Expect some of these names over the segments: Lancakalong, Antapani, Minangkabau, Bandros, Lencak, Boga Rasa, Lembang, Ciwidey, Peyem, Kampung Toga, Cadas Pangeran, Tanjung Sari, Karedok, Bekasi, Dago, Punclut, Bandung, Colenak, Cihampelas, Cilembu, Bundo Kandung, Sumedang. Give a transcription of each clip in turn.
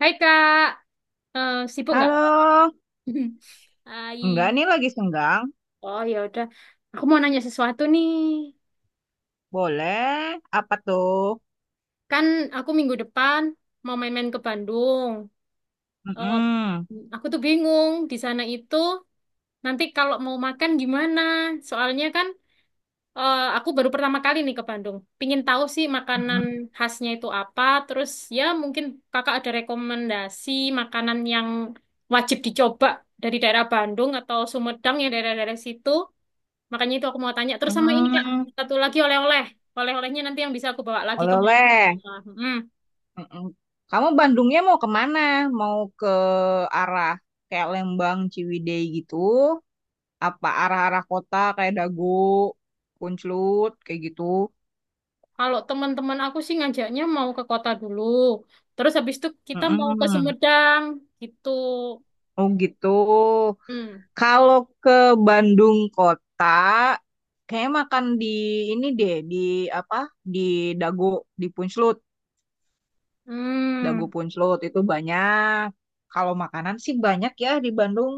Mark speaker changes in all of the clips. Speaker 1: Hai Kak, eh, sibuk nggak?
Speaker 2: Halo,
Speaker 1: Hai,
Speaker 2: enggak nih lagi senggang.
Speaker 1: oh ya udah, aku mau nanya sesuatu nih.
Speaker 2: Boleh, apa tuh?
Speaker 1: Kan aku minggu depan mau main-main ke Bandung. Eh,
Speaker 2: Mm-mm.
Speaker 1: aku tuh bingung di sana itu nanti kalau mau makan gimana? Soalnya kan aku baru pertama kali nih ke Bandung. Pingin tahu sih makanan khasnya itu apa. Terus ya mungkin kakak ada rekomendasi makanan yang wajib dicoba dari daerah Bandung atau Sumedang yang daerah-daerah situ. Makanya itu aku mau tanya. Terus sama ini Kak,
Speaker 2: Mm-mm.
Speaker 1: satu lagi oleh-oleh. Oleh-olehnya nanti yang bisa aku bawa lagi kemana.
Speaker 2: Oleh-oleh.
Speaker 1: Hmm.
Speaker 2: Mm-mm. Kamu Bandungnya mau kemana? Mau ke arah kayak Lembang, Ciwidey gitu? Apa arah-arah kota kayak Dago, Punclut, kayak gitu?
Speaker 1: Kalau teman-teman aku sih ngajaknya mau ke kota dulu. Terus habis itu kita mau ke
Speaker 2: Mm-mm.
Speaker 1: Sumedang gitu.
Speaker 2: Oh gitu.
Speaker 1: Hmm.
Speaker 2: Kalau ke Bandung kota, kayak makan di ini deh, di apa? Di Dago, di Punclut. Dago
Speaker 1: Hmm.
Speaker 2: Punclut itu banyak. Kalau makanan sih banyak ya di Bandung.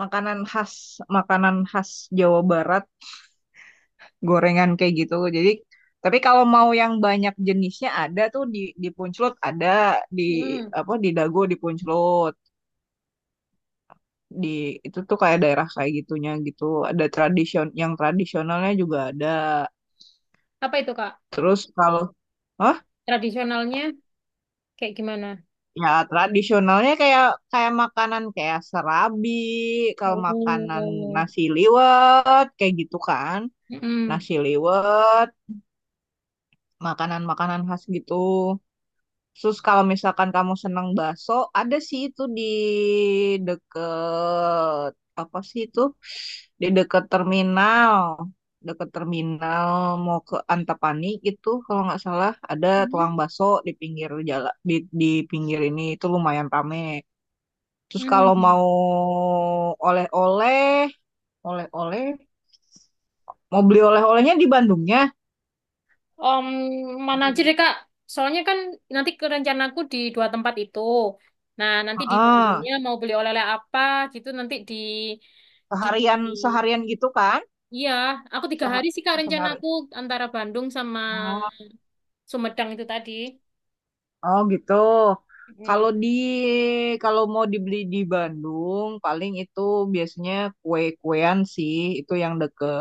Speaker 2: Makanan khas, makanan khas Jawa Barat, gorengan kayak gitu. Jadi, tapi kalau mau yang banyak jenisnya ada tuh di Punclut, ada di
Speaker 1: Hmm.
Speaker 2: apa di Dago di Punclut. Di itu tuh kayak daerah kayak gitunya gitu. Ada tradisionalnya juga ada.
Speaker 1: Apa itu Kak?
Speaker 2: Terus kalau. Hah?
Speaker 1: Tradisionalnya kayak gimana?
Speaker 2: Ya, tradisionalnya kayak kayak makanan kayak serabi, kalau makanan
Speaker 1: Oh.
Speaker 2: nasi liwet kayak gitu kan.
Speaker 1: Hmm.
Speaker 2: Nasi liwet, makanan-makanan khas gitu. Terus kalau misalkan kamu senang bakso, ada sih itu di deket apa sih itu? Di deket terminal. Deket terminal mau ke Antapani gitu kalau nggak salah ada
Speaker 1: Hmm.
Speaker 2: tukang bakso di pinggir jalan di pinggir ini itu lumayan rame. Terus kalau
Speaker 1: Hmm.
Speaker 2: mau oleh-oleh, oleh-oleh, mau beli oleh-olehnya di Bandungnya.
Speaker 1: Om mana aja deh Kak. Soalnya kan nanti ke rencanaku di dua tempat itu. Nah, nanti di
Speaker 2: Heeh.
Speaker 1: Bandungnya mau beli oleh-oleh apa gitu nanti di
Speaker 2: Seharian
Speaker 1: di
Speaker 2: seharian gitu kan?
Speaker 1: iya, aku tiga
Speaker 2: Seha
Speaker 1: hari sih Kak
Speaker 2: sehari.
Speaker 1: rencanaku antara Bandung sama
Speaker 2: Oh,
Speaker 1: Sumedang itu tadi.
Speaker 2: oh gitu.
Speaker 1: Mm.
Speaker 2: Kalau di kalau mau dibeli di Bandung, paling itu biasanya kue-kuean sih, itu yang deket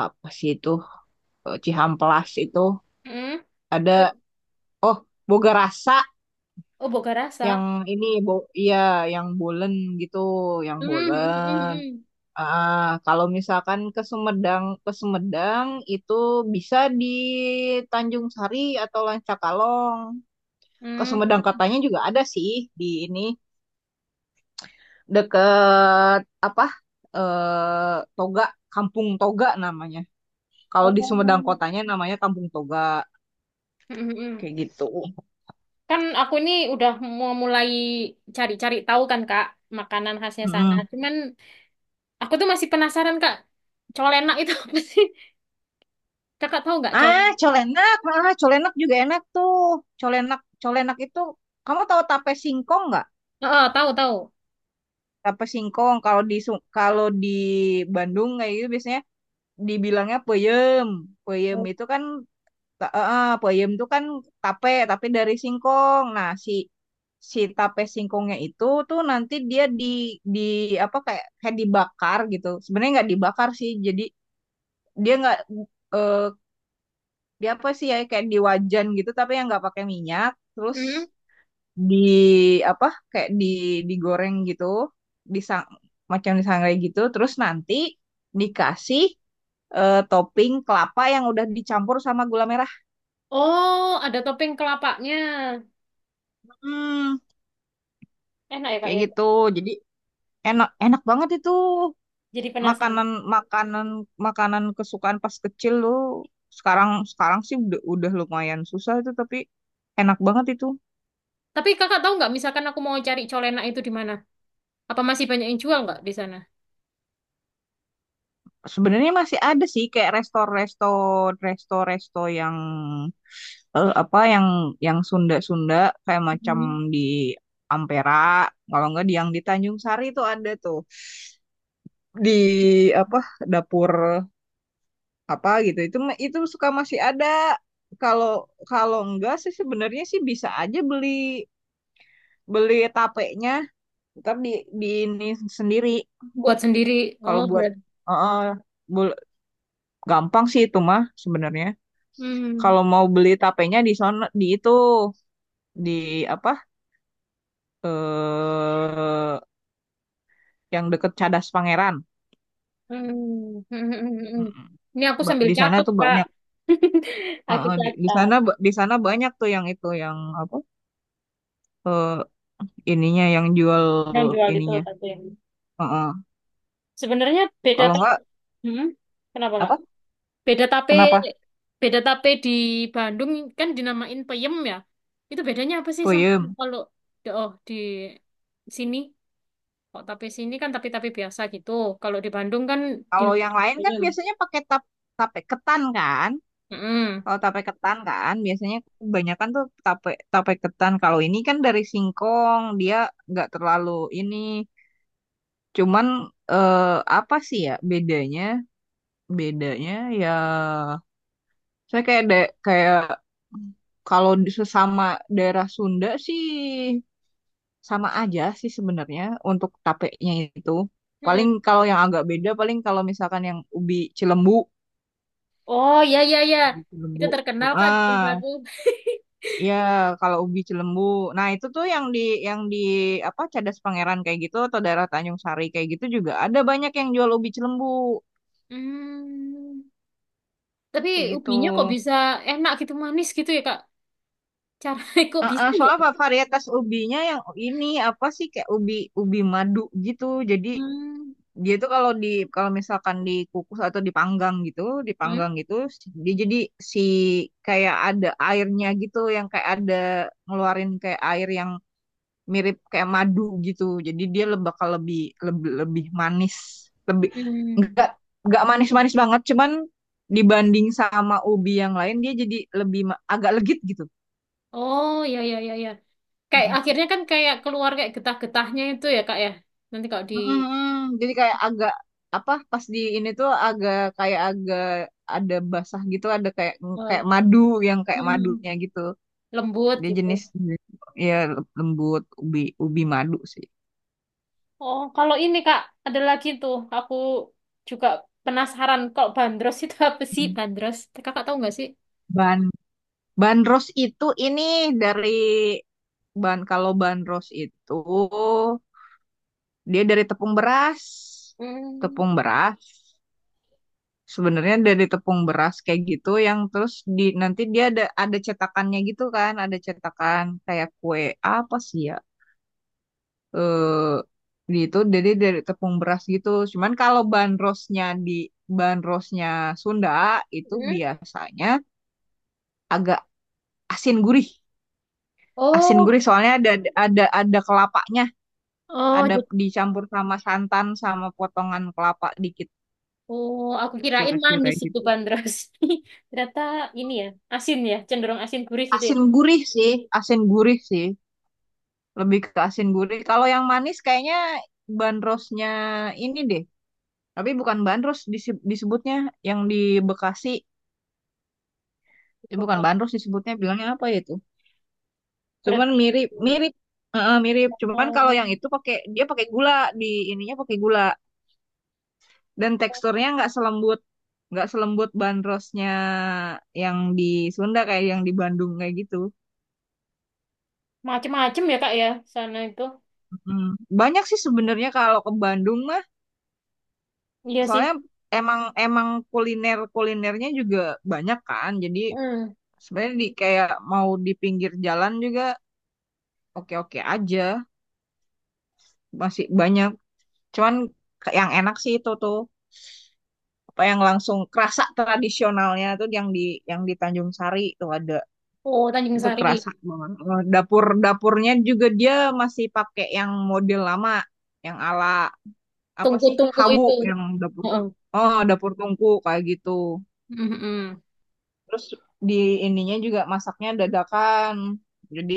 Speaker 2: apa sih itu, Cihampelas itu
Speaker 1: Mm.
Speaker 2: ada, oh, Boga Rasa
Speaker 1: Oh, Boga Rasa.
Speaker 2: yang ini iya yang bolen gitu, yang
Speaker 1: Mm.
Speaker 2: bolen.
Speaker 1: Mm.
Speaker 2: Ah, kalau misalkan ke Sumedang, itu bisa di Tanjung Sari atau Lancakalong. Ke
Speaker 1: Mm.
Speaker 2: Sumedang katanya juga ada sih di ini deket apa? Toga, Kampung Toga namanya. Kalau di Sumedang
Speaker 1: Oh.
Speaker 2: kotanya namanya Kampung Toga
Speaker 1: Mm-mm.
Speaker 2: kayak gitu.
Speaker 1: Kan aku ini udah mau mulai cari-cari tahu kan Kak makanan khasnya sana.
Speaker 2: Mm.
Speaker 1: Cuman aku tuh masih penasaran Kak. Colenak itu apa sih? Kakak tahu nggak colek?
Speaker 2: Ah, colenak juga enak tuh. Colenak itu, kamu tahu tape singkong nggak?
Speaker 1: Heeh, tahu tahu.
Speaker 2: Tape singkong kalau di Bandung kayak gitu biasanya dibilangnya peyem peyem itu kan ta- eh, eh, peyem itu kan tape tapi dari singkong. Nah si si tape singkongnya itu tuh nanti dia di apa, kayak kayak dibakar gitu, sebenarnya nggak dibakar sih. Jadi dia nggak, eh, dia apa sih ya, kayak di wajan gitu tapi yang nggak pakai minyak, terus
Speaker 1: Hmm.
Speaker 2: di apa kayak digoreng gitu, disang macam disangrai gitu, terus nanti dikasih topping kelapa yang udah dicampur sama gula merah,
Speaker 1: Oh, ada topeng kelapanya.
Speaker 2: hmm,
Speaker 1: Enak ya Kak
Speaker 2: kayak
Speaker 1: ya.
Speaker 2: gitu. Jadi enak, enak banget itu.
Speaker 1: Jadi penasaran.
Speaker 2: Makanan makanan makanan kesukaan pas kecil lo, sekarang sekarang sih udah lumayan susah itu, tapi enak banget itu.
Speaker 1: Tapi Kakak tahu nggak misalkan aku mau cari colenak itu di mana? Apa masih banyak yang jual nggak di sana?
Speaker 2: Sebenarnya masih ada sih, kayak resto resto resto resto yang, apa, yang Sunda-Sunda kayak macam
Speaker 1: Hmm.
Speaker 2: di Ampera, kalau enggak di yang di Tanjung Sari itu ada tuh di apa, dapur apa gitu. Itu suka masih ada. Kalau kalau enggak sih sebenarnya sih bisa aja beli beli tapenya, tetap di ini sendiri.
Speaker 1: Buat sendiri.
Speaker 2: Kalau
Speaker 1: Oh,
Speaker 2: buat
Speaker 1: berarti.
Speaker 2: eh, bul- Gampang sih itu mah sebenarnya.
Speaker 1: Hmm.
Speaker 2: Kalau mau beli tapenya di sono, di itu, di apa, eh yang deket Cadas Pangeran.
Speaker 1: Hmm. Hmm. Hmm, hmm. Hmm.
Speaker 2: Mm-mm.
Speaker 1: Ini aku sambil
Speaker 2: Di sana
Speaker 1: catat,
Speaker 2: tuh
Speaker 1: Kak.
Speaker 2: banyak.
Speaker 1: Aku
Speaker 2: Heeh, di, di
Speaker 1: catat.
Speaker 2: sana ba- di sana banyak tuh, yang itu yang apa, eh, ininya yang jual,
Speaker 1: Yang jual itu
Speaker 2: ininya.
Speaker 1: tapi yang-
Speaker 2: Heeh.
Speaker 1: sebenarnya beda
Speaker 2: Kalau
Speaker 1: tak?
Speaker 2: enggak
Speaker 1: Hmm? Kenapa, Kak?
Speaker 2: apa?
Speaker 1: Beda tape,
Speaker 2: Kenapa?
Speaker 1: beda tape di Bandung kan dinamain peyem ya. Itu bedanya apa sih sama
Speaker 2: Puyem.
Speaker 1: kalau di- oh di sini kok tape sini kan tape-tape biasa gitu. Kalau di Bandung kan
Speaker 2: Kalau yang
Speaker 1: dinamain
Speaker 2: lain kan
Speaker 1: peyem.
Speaker 2: biasanya pakai tape ketan kan.
Speaker 1: Mm-mm.
Speaker 2: Kalau tape ketan kan biasanya kebanyakan tuh tape tape ketan. Kalau ini kan dari singkong, dia nggak terlalu ini. Cuman, eh, apa sih ya bedanya? Bedanya ya, saya kayak ada, kayak kalau di sesama daerah Sunda sih sama aja sih sebenarnya untuk tapenya itu. Paling
Speaker 1: Mm-mm.
Speaker 2: kalau yang agak beda, paling kalau misalkan yang ubi Cilembu.
Speaker 1: Oh ya ya ya.
Speaker 2: Ubi
Speaker 1: Itu
Speaker 2: Cilembu.
Speaker 1: terkenal kan di
Speaker 2: Ah,
Speaker 1: Baru.
Speaker 2: ya kalau ubi Cilembu, nah itu tuh yang di apa, Cadas Pangeran kayak gitu, atau daerah Tanjung Sari kayak gitu juga ada banyak yang jual ubi Cilembu
Speaker 1: Hmm. Tapi
Speaker 2: kayak gitu.
Speaker 1: ubinya kok bisa enak gitu manis gitu ya Kak? Caranya kok
Speaker 2: Heeh,
Speaker 1: bisa ya?
Speaker 2: soalnya apa, varietas ubinya yang ini apa sih, kayak ubi ubi madu gitu. Jadi
Speaker 1: Hmm.
Speaker 2: dia tuh kalau misalkan dikukus atau dipanggang gitu,
Speaker 1: Hmm.
Speaker 2: dipanggang gitu, dia jadi si, kayak ada airnya gitu, yang kayak ada ngeluarin kayak air yang mirip kayak madu gitu. Jadi dia bakal lebih lebih lebih manis, lebih,
Speaker 1: Hmm.
Speaker 2: nggak nggak
Speaker 1: Hmm.
Speaker 2: manis-manis banget, cuman dibanding sama ubi yang lain dia jadi lebih, agak legit gitu.
Speaker 1: Oh ya ya ya ya. Kayak akhirnya kan kayak keluar kayak getah-getahnya itu ya Kak ya. Nanti kalau di
Speaker 2: Mm, mm. Jadi kayak agak apa, pas di ini tuh agak kayak agak ada basah gitu, ada kayak kayak
Speaker 1: eh,
Speaker 2: madu yang kayak madunya gitu.
Speaker 1: lembut
Speaker 2: Dia
Speaker 1: gitu.
Speaker 2: jenis, ya, lembut, ubi ubi madu sih.
Speaker 1: Oh, kalau ini Kak, ada lagi tuh. Aku juga penasaran kalau bandros itu apa sih bandros? Kakak tahu nggak sih?
Speaker 2: Ban bandros itu ini dari, kalau bandros itu dia dari tepung beras,
Speaker 1: Hmm.
Speaker 2: tepung beras. Sebenarnya dari tepung beras kayak gitu yang terus di, nanti dia ada cetakannya gitu kan, ada cetakan kayak kue apa sih ya? Eh gitu jadi dari tepung beras gitu. Cuman kalau bahan rosnya Sunda itu
Speaker 1: Hmm.
Speaker 2: biasanya agak asin gurih. Asin
Speaker 1: Oh,
Speaker 2: gurih soalnya ada, ada kelapanya,
Speaker 1: oh,
Speaker 2: ada dicampur sama santan sama potongan kelapa dikit
Speaker 1: oh, aku kirain
Speaker 2: kecil-kecil
Speaker 1: manis
Speaker 2: kayak
Speaker 1: itu
Speaker 2: gitu.
Speaker 1: bandros. Ternyata ini ya, asin ya, cenderung asin gurih gitu ya.
Speaker 2: Asin gurih sih, asin gurih sih. Lebih ke asin gurih. Kalau yang manis kayaknya bandrosnya ini deh. Tapi bukan bandros disebutnya yang di Bekasi. Bukan bandros disebutnya, bilangnya apa ya itu? Cuman
Speaker 1: Berarti
Speaker 2: mirip mirip. Heeh, mirip. Cuman kalau
Speaker 1: oh,
Speaker 2: yang itu dia pakai gula, di ininya pakai gula, dan teksturnya nggak selembut bandrosnya yang di Sunda kayak yang di Bandung kayak gitu.
Speaker 1: macem-macem ya Kak ya, sana itu.
Speaker 2: Mm. Banyak sih sebenarnya kalau ke Bandung mah,
Speaker 1: Iya sih.
Speaker 2: soalnya emang emang kulinernya juga banyak kan, jadi
Speaker 1: Hmm.
Speaker 2: sebenarnya di kayak mau di pinggir jalan juga oke oke aja masih banyak, cuman yang enak sih itu tuh apa yang langsung kerasa tradisionalnya tuh yang di Tanjung Sari itu ada,
Speaker 1: Oh, Tanjung
Speaker 2: itu
Speaker 1: Sari.
Speaker 2: kerasa banget. Dapurnya juga dia masih pakai yang model lama, yang ala apa sih,
Speaker 1: Tungku-tungku
Speaker 2: hawu,
Speaker 1: itu.
Speaker 2: yang dapur,
Speaker 1: Heeh.
Speaker 2: oh, dapur tungku kayak gitu.
Speaker 1: Mm.
Speaker 2: Terus di ininya juga masaknya dadakan. Jadi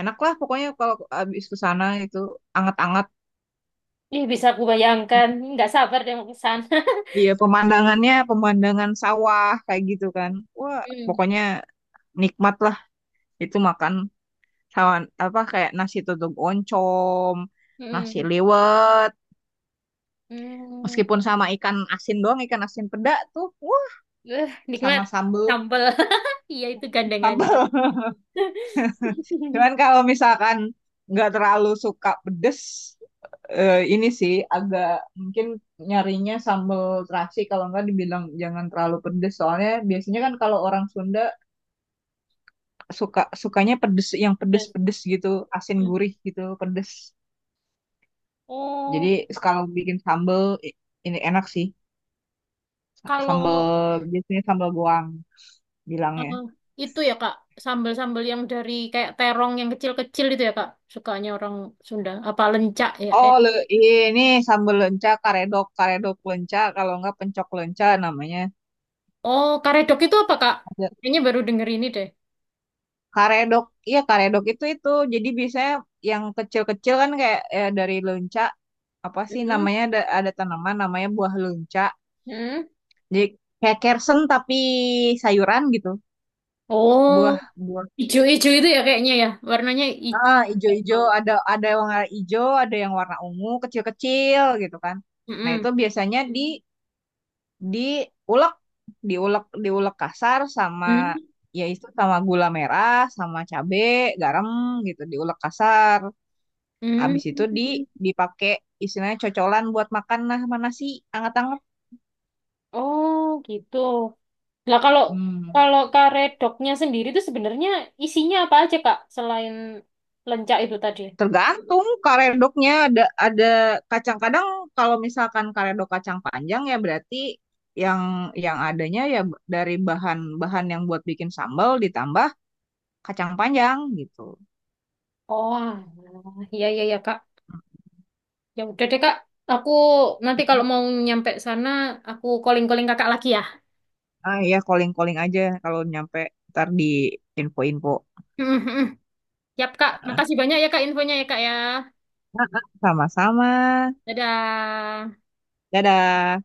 Speaker 2: enak lah pokoknya kalau habis ke sana itu, anget-anget.
Speaker 1: Ih, bisa aku bayangkan. Nggak sabar deh mau ke sana.
Speaker 2: Iya, pemandangan sawah kayak gitu kan. Wah,
Speaker 1: Hmm.
Speaker 2: pokoknya nikmat lah itu makan sawan apa, kayak nasi tutuk oncom, nasi
Speaker 1: Mm.
Speaker 2: liwet,
Speaker 1: Mm.
Speaker 2: meskipun sama ikan asin doang, ikan asin peda tuh. Wah,
Speaker 1: Eh, nikmat.
Speaker 2: sama sambel,
Speaker 1: Sambal. Iya, itu gandengannya.
Speaker 2: sambel. Cuman kalau misalkan nggak terlalu suka pedes, ini sih agak, mungkin nyarinya sambal terasi, kalau nggak dibilang jangan terlalu pedes. Soalnya biasanya kan kalau orang Sunda, sukanya pedes, yang
Speaker 1: Terus,
Speaker 2: pedes-pedes gitu, asin
Speaker 1: mm.
Speaker 2: gurih gitu, pedes. Jadi
Speaker 1: Oh,
Speaker 2: kalau bikin sambal, i- ini enak sih. Sa-
Speaker 1: kalau
Speaker 2: Sambal biasanya sambal goang
Speaker 1: eh,
Speaker 2: bilangnya.
Speaker 1: itu ya, Kak, sambal-sambal yang dari kayak terong yang kecil-kecil itu ya, Kak, sukanya orang Sunda. Apa lencak ya? Eh.
Speaker 2: Oh, ini sambal lenca, karedok, karedok lenca, kalau nggak pencok lenca namanya.
Speaker 1: Oh, karedok itu apa, Kak? Kayaknya baru denger ini deh.
Speaker 2: Karedok, iya karedok itu. Jadi biasanya yang kecil-kecil kan, kayak ya, dari lunca, apa sih
Speaker 1: Hmm.
Speaker 2: namanya, ada tanaman namanya buah lunca.
Speaker 1: Mm.
Speaker 2: Jadi kayak kersen tapi sayuran gitu.
Speaker 1: Oh,
Speaker 2: Buah buah
Speaker 1: ijo-ijo itu ya kayaknya ya. Warnanya
Speaker 2: ah Ijo-ijo,
Speaker 1: hijau.
Speaker 2: ada yang warna ijo, ada yang warna ungu kecil-kecil gitu kan. Nah,
Speaker 1: Mm-mm.
Speaker 2: itu biasanya di diulek diulek diulek kasar sama,
Speaker 1: Hmm.
Speaker 2: ya itu, sama gula merah, sama cabe, garam gitu, diulek kasar.
Speaker 1: Hmm.
Speaker 2: Abis itu dipakai istilahnya cocolan buat makan, nah mana sih anget-anget.
Speaker 1: Oh, gitu. Nah, kalau
Speaker 2: Hmm.
Speaker 1: kalau karedoknya sendiri itu sebenarnya isinya apa aja, Kak? Selain lencak itu tadi.
Speaker 2: Tergantung karedoknya, ada kacang kadang, kalau misalkan karedok kacang panjang ya berarti yang yang adanya, ya, dari bahan-bahan yang buat bikin sambal, ditambah kacang panjang gitu.
Speaker 1: Oh, alah. Iya iya ya, Kak. Ya udah deh, Kak. Aku nanti kalau
Speaker 2: Mm.
Speaker 1: mau nyampe sana, aku calling-calling Kakak lagi ya.
Speaker 2: Ah, ya, calling-calling aja kalau nyampe, ntar di info-info.
Speaker 1: Mm-mm. Yap, Kak.
Speaker 2: Ah.
Speaker 1: Makasih banyak ya, Kak, infonya ya, Kak ya.
Speaker 2: Sama-sama.
Speaker 1: Dadah.
Speaker 2: Dadah.